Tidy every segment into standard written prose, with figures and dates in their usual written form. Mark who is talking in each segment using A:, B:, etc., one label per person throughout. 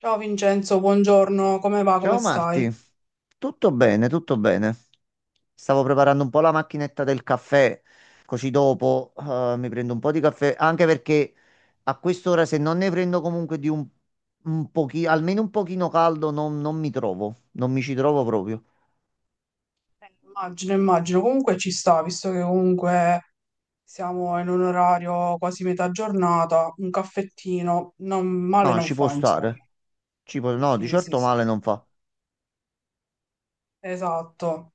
A: Ciao Vincenzo, buongiorno, come va? Come
B: Ciao Marti,
A: stai?
B: tutto bene, tutto bene. Stavo preparando un po' la macchinetta del caffè, così dopo mi prendo un po' di caffè, anche perché a quest'ora se non ne prendo comunque di un pochino, almeno un pochino caldo, non mi trovo, non mi ci trovo proprio.
A: Immagino, comunque ci sta, visto che comunque siamo in un orario quasi metà giornata, un caffettino, male
B: No,
A: non
B: ci può
A: fa, insomma.
B: stare, no, di
A: Sì, sì,
B: certo
A: sì,
B: male
A: sì.
B: non fa.
A: Esatto.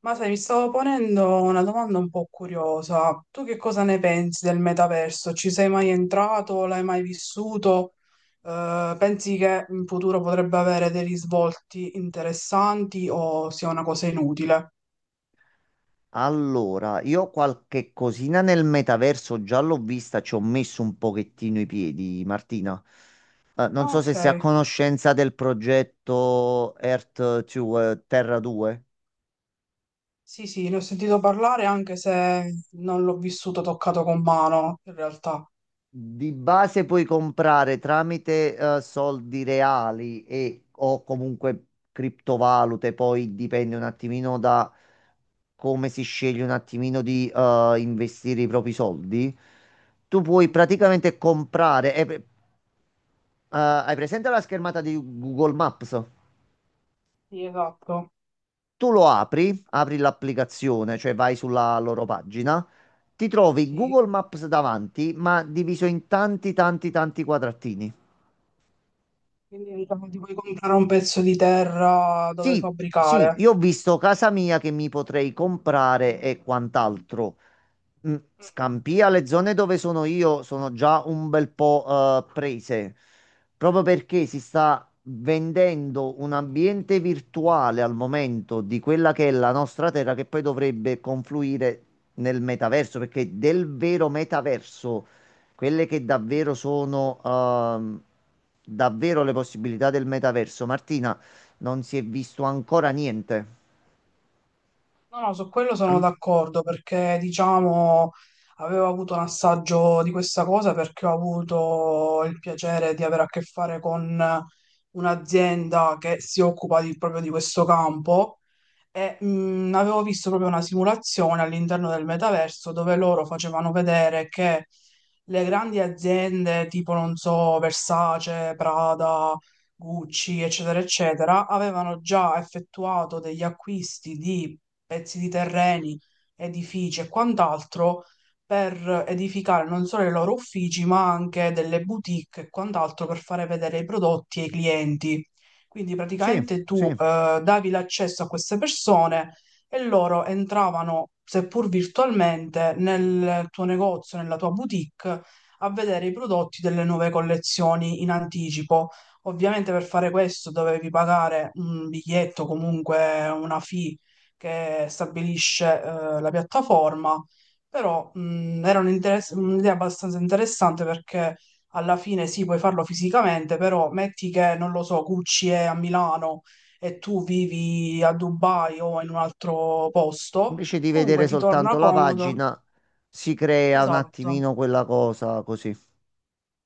A: Ma sai, mi stavo ponendo una domanda un po' curiosa. Tu che cosa ne pensi del metaverso? Ci sei mai entrato? L'hai mai vissuto? Pensi che in futuro potrebbe avere dei risvolti interessanti o sia una cosa inutile?
B: Allora, io qualche cosina nel metaverso già l'ho vista, ci ho messo un pochettino i piedi, Martina. Non
A: Ah,
B: so se
A: ok,
B: sei a conoscenza del progetto Earth 2, Terra 2.
A: sì, sì, ne ho sentito parlare anche se non l'ho vissuto toccato con mano, in realtà.
B: Di base puoi comprare tramite soldi reali e o comunque criptovalute, poi dipende un attimino da come si sceglie un attimino di investire i propri soldi. Tu puoi
A: Mm.
B: praticamente comprare, è. Hai presente la schermata di Google Maps?
A: Sì, esatto,
B: Tu lo apri, apri l'applicazione, cioè vai sulla loro pagina, ti trovi
A: sì.
B: Google Maps davanti, ma diviso in tanti, tanti, tanti quadratini.
A: Quindi diciamo, ti puoi comprare un pezzo di terra dove
B: Sì, sì,
A: fabbricare.
B: io ho visto casa mia che mi potrei comprare e quant'altro. Mm,
A: Mm.
B: Scampia, le zone dove sono io sono già un bel po' prese, proprio perché si sta vendendo un ambiente virtuale al momento di quella che è la nostra terra, che poi dovrebbe confluire nel metaverso, perché del vero metaverso, quelle che davvero sono davvero le possibilità del metaverso, Martina, non si è visto ancora niente.
A: No, no, su quello sono
B: Al-
A: d'accordo perché, diciamo, avevo avuto un assaggio di questa cosa perché ho avuto il piacere di avere a che fare con un'azienda che si proprio di questo campo. E, avevo visto proprio una simulazione all'interno del metaverso dove loro facevano vedere che le grandi aziende tipo, non so, Versace, Prada, Gucci, eccetera, eccetera, avevano già effettuato degli acquisti di pezzi di terreni, edifici e quant'altro per edificare non solo i loro uffici, ma anche delle boutique e quant'altro per fare vedere i prodotti ai clienti. Quindi
B: sì,
A: praticamente tu
B: sì.
A: davi l'accesso a queste persone e loro entravano, seppur virtualmente, nel tuo negozio, nella tua boutique, a vedere i prodotti delle nuove collezioni in anticipo. Ovviamente per fare questo dovevi pagare un biglietto, comunque una fee che stabilisce la piattaforma, però era un un'idea abbastanza interessante perché alla fine sì, puoi farlo fisicamente, però metti che, non lo so, Gucci è a Milano e tu vivi a Dubai o in un altro posto,
B: Invece di
A: comunque
B: vedere
A: ti torna
B: soltanto la
A: comodo.
B: pagina, si crea un
A: Esatto,
B: attimino quella cosa così.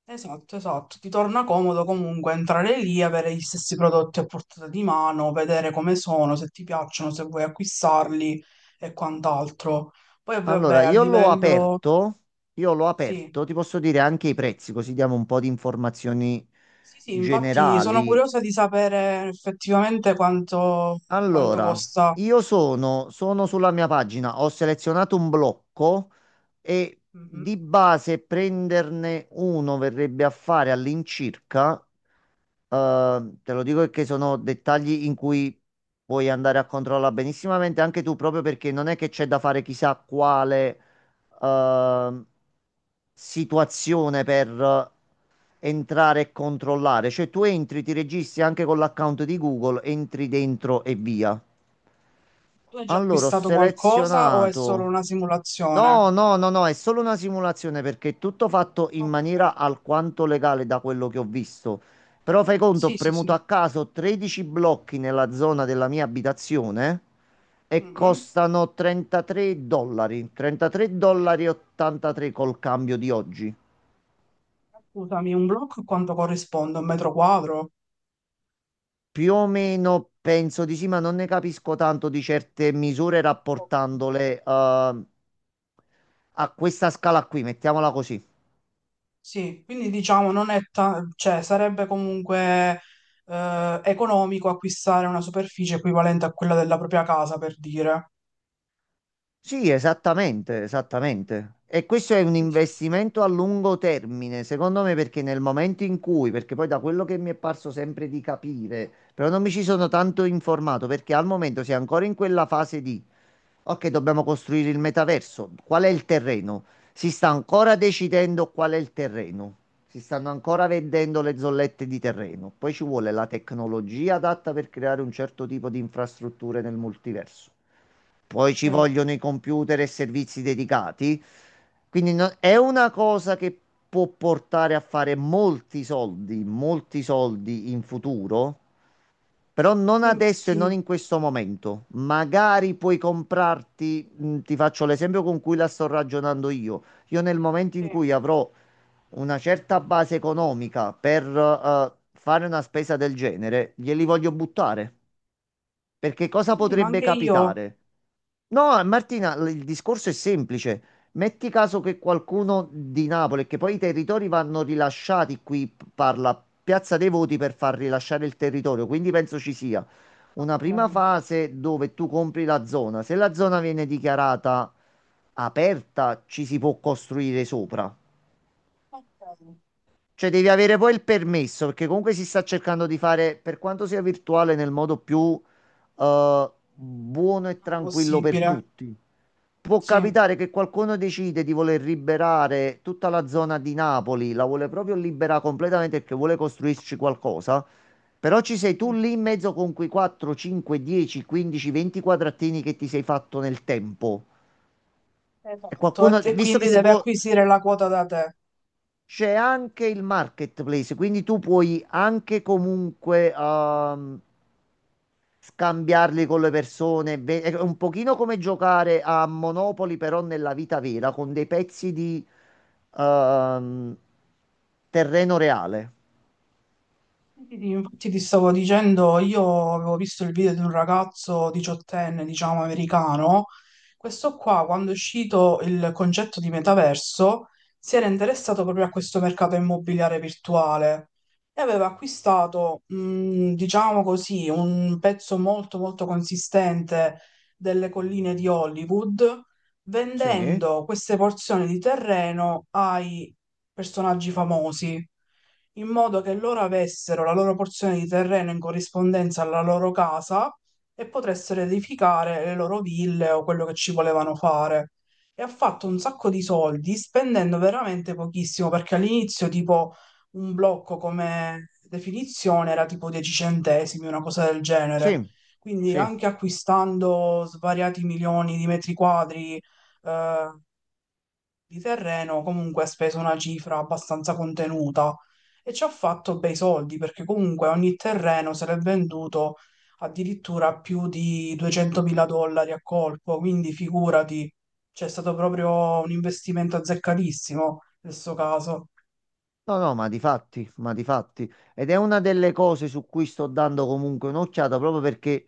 A: esatto, esatto. Ti torna comodo comunque entrare lì, avere gli stessi prodotti a portata di mano, vedere come sono, se ti piacciono, se vuoi acquistarli e quant'altro. Poi
B: Allora,
A: vabbè, a livello...
B: io l'ho
A: Sì,
B: aperto, ti posso dire anche i prezzi, così diamo un po' di informazioni
A: sì, sì, infatti sono
B: generali.
A: curiosa di sapere effettivamente quanto, quanto
B: Allora,
A: costa.
B: io sono sulla mia pagina, ho selezionato un blocco e
A: Mhm.
B: di base prenderne uno verrebbe a fare all'incirca, te lo dico perché sono dettagli in cui puoi andare a controllare benissimamente anche tu, proprio perché non è che c'è da fare chissà quale eh, situazione per entrare e controllare. Cioè tu entri, ti registri anche con l'account di Google, entri dentro e via.
A: Tu hai già
B: Allora, ho
A: acquistato qualcosa o è solo
B: selezionato.
A: una
B: No,
A: simulazione?
B: no, no, no, è solo una simulazione perché è tutto fatto in
A: Ok,
B: maniera alquanto legale da quello che ho visto. Però fai conto, ho
A: sì, sì,
B: premuto
A: sì.
B: a caso 13 blocchi nella zona della mia abitazione e
A: Mhm.
B: costano 33 dollari e 83 col cambio di oggi.
A: Scusami, un blocco quanto corrisponde? Un metro quadro?
B: Più o meno penso di sì, ma non ne capisco tanto di certe misure
A: Ok.
B: rapportandole a questa scala qui, mettiamola così.
A: Sì, quindi diciamo non è ta- cioè sarebbe comunque economico acquistare una superficie equivalente a quella della propria casa, per dire.
B: Sì, esattamente, esattamente. E questo è un
A: Sì, sì, sì.
B: investimento a lungo termine, secondo me, perché nel momento in cui, perché poi da quello che mi è parso sempre di capire, però non mi ci sono tanto informato, perché al momento si è ancora in quella fase di, ok, dobbiamo costruire il metaverso, qual è il terreno? Si sta ancora decidendo qual è il terreno. Si stanno ancora vendendo le zollette di terreno. Poi ci vuole la tecnologia adatta per creare un certo tipo di infrastrutture nel multiverso. Poi ci
A: Sì,
B: vogliono i computer e servizi dedicati. Quindi è una cosa che può portare a fare molti soldi in futuro, però non
A: sì,
B: adesso e non
A: infatti,
B: in questo momento. Magari puoi comprarti, ti faccio l'esempio con cui la sto ragionando io. Io nel momento
A: sì.
B: in cui avrò una certa base economica per fare una spesa del genere, glieli voglio buttare. Perché cosa
A: Sì, sì, ma
B: potrebbe
A: anche io.
B: capitare? No, Martina, il discorso è semplice. Metti caso che qualcuno di Napoli, che poi i territori vanno rilasciati, qui parla Piazza dei Voti per far rilasciare il territorio, quindi penso ci sia una prima
A: Ok,
B: fase dove tu compri la zona. Se la zona viene dichiarata aperta, ci si può costruire sopra.
A: ok.
B: Cioè, devi avere poi il permesso, perché comunque si sta cercando di fare, per quanto sia virtuale, nel modo più buono e
A: Non è
B: tranquillo per
A: possibile,
B: tutti. Può
A: sì.
B: capitare che qualcuno decide di voler liberare tutta la zona di Napoli, la vuole proprio liberare completamente perché vuole costruirci qualcosa, però ci sei tu
A: Mhm.
B: lì in mezzo con quei 4, 5, 10, 15, 20 quadratini che ti sei fatto nel tempo. E
A: Esatto,
B: qualcuno,
A: e
B: visto che
A: quindi
B: si
A: deve
B: può.
A: acquisire la quota da te.
B: C'è anche il marketplace, quindi tu puoi anche comunque scambiarli con le persone. È un pochino come giocare a Monopoli, però nella vita vera, con dei pezzi di ehm, terreno reale.
A: Sì, sì, sì, infatti ti stavo dicendo, io avevo visto il video di un ragazzo diciottenne, diciamo americano, questo qua quando è uscito il concetto di metaverso si era interessato proprio a questo mercato immobiliare virtuale e aveva acquistato, diciamo così, un pezzo molto molto consistente delle colline di Hollywood,
B: Sì,
A: vendendo queste porzioni di terreno ai personaggi famosi in modo che loro avessero la loro porzione di terreno in corrispondenza alla loro casa e potessero edificare le loro ville o quello che ci volevano fare. E ha fatto un sacco di soldi spendendo veramente pochissimo, perché all'inizio tipo un blocco come definizione era tipo 10 centesimi, una cosa del
B: sì,
A: genere. Quindi
B: sì.
A: anche acquistando svariati milioni di metri quadri, eh, di terreno, comunque ha speso una cifra abbastanza contenuta e ci ha fatto bei soldi perché comunque ogni terreno se l'è venduto addirittura più di 200.000 dollari a colpo, quindi figurati, c'è stato proprio un investimento azzeccatissimo nel suo caso.
B: No, no, ma di fatti, ma di fatti. Ed è una delle cose su cui sto dando comunque un'occhiata proprio perché.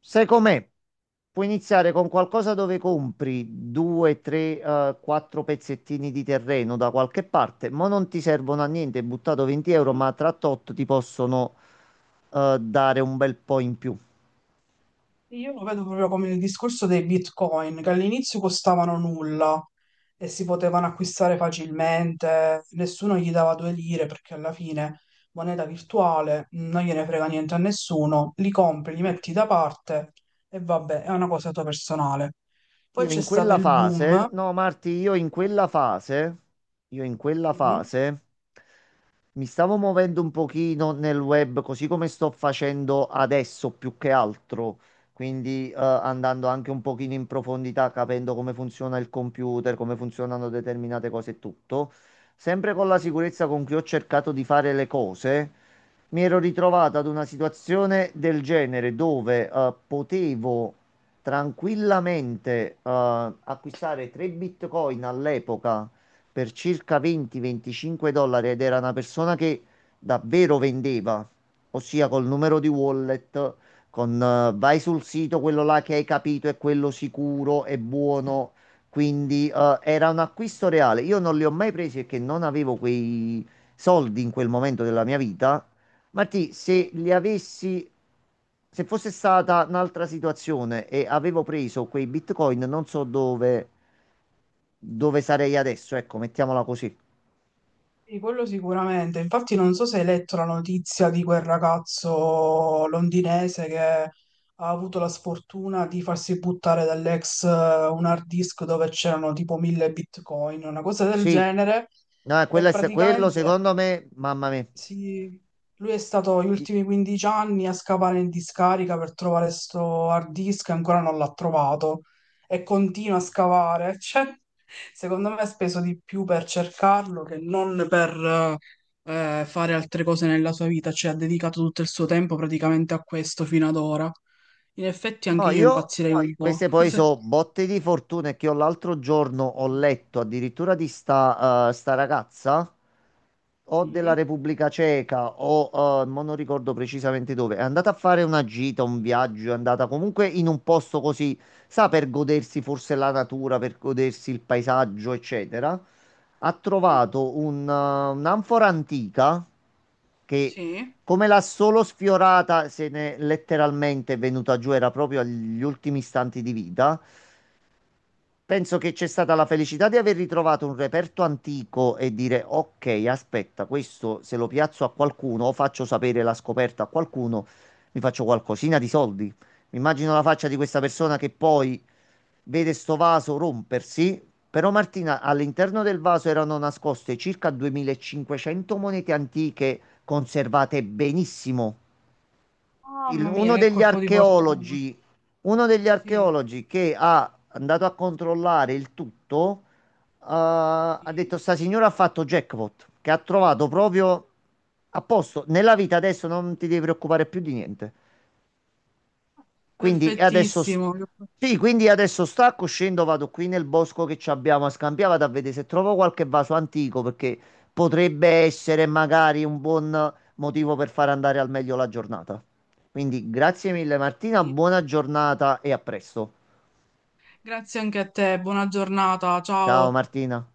B: Secondo me puoi iniziare con qualcosa dove compri due, tre, quattro pezzettini di terreno da qualche parte, ma non ti servono a niente, hai buttato 20 euro, ma tra tot ti possono dare un bel po' in più.
A: Io lo vedo proprio come il discorso dei Bitcoin, che all'inizio costavano nulla e si potevano acquistare facilmente, nessuno gli dava due lire perché alla fine moneta virtuale non gliene frega niente a nessuno, li compri, li metti da parte e vabbè, è una cosa tua personale. Poi
B: Io
A: c'è
B: in
A: stato
B: quella
A: il
B: fase,
A: boom.
B: No, Marti, io in quella
A: eh,
B: fase mi stavo muovendo un pochino nel web, così come sto facendo adesso più che altro, quindi andando anche un pochino in profondità, capendo come funziona il computer, come funzionano determinate cose e tutto. Sempre con la
A: mhm,
B: sicurezza con cui ho cercato di fare le cose, mi ero ritrovato ad una situazione del genere dove potevo tranquillamente acquistare 3 Bitcoin all'epoca per circa 20-25 dollari ed era una persona che davvero vendeva, ossia col numero di wallet, con vai sul sito, quello là che hai capito è quello sicuro, è buono. Quindi era un acquisto reale. Io non li ho mai presi perché non avevo quei soldi in quel momento della mia vita, Martì, se li avessi, se fosse stata un'altra situazione e avevo preso quei bitcoin, non so dove, dove sarei adesso. Ecco, mettiamola così.
A: Sì, quello sicuramente. Infatti non so se hai letto la notizia di quel ragazzo londinese che ha avuto la sfortuna di farsi buttare dall'ex un hard disk dove c'erano tipo 1000 bitcoin, una cosa del
B: Sì,
A: genere.
B: no, quello,
A: E
B: quello
A: praticamente
B: secondo me, mamma mia.
A: sì, lui è stato gli ultimi 15 anni a scavare in discarica per trovare sto hard disk e ancora non l'ha trovato e continua a scavare. Cioè, secondo me ha speso di più per cercarlo che non per fare altre cose nella sua vita, cioè ha dedicato tutto il suo tempo praticamente a questo fino ad ora. In effetti anche
B: No,
A: io
B: io
A: impazzirei poi, un po'.
B: queste poi
A: Se-
B: so botte di fortuna, che io l'altro giorno ho letto addirittura di sta ragazza o della
A: Mhm,
B: Repubblica Ceca o mo non ricordo precisamente dove. È andata a fare una gita, un viaggio, è andata comunque in un posto così, sa, per godersi forse la natura, per godersi il paesaggio, eccetera. Ha
A: sì.
B: trovato un'anfora antica che,
A: Sì.
B: come l'ha solo sfiorata, se ne è letteralmente venuta giù, era proprio agli ultimi istanti di vita. Penso che c'è stata la felicità di aver ritrovato un reperto antico e dire: "Ok, aspetta, questo se lo piazzo a qualcuno o faccio sapere la scoperta a qualcuno, mi faccio qualcosina di soldi". Mi immagino la faccia di questa persona che poi vede sto vaso rompersi. Però, Martina, all'interno del vaso erano nascoste circa 2500 monete antiche conservate benissimo. il-
A: Mamma mia,
B: uno
A: che
B: degli
A: colpo di fortuna.
B: archeologi, Uno degli
A: Sì.
B: archeologi che ha andato a controllare il tutto, ha
A: Sì.
B: detto: "Sta signora ha fatto jackpot, che ha trovato proprio a posto. Nella vita adesso non ti devi preoccupare più di niente". Quindi adesso,
A: Perfettissimo.
B: sì, quindi adesso stacco, scendo, vado qui nel bosco che ci abbiamo a Scampia, vado a vedere se trovo qualche vaso antico perché potrebbe essere magari un buon motivo per far andare al meglio la giornata. Quindi grazie mille Martina,
A: Sì.
B: buona giornata e a presto.
A: Grazie anche a te, buona giornata,
B: Ciao
A: ciao.
B: Martina.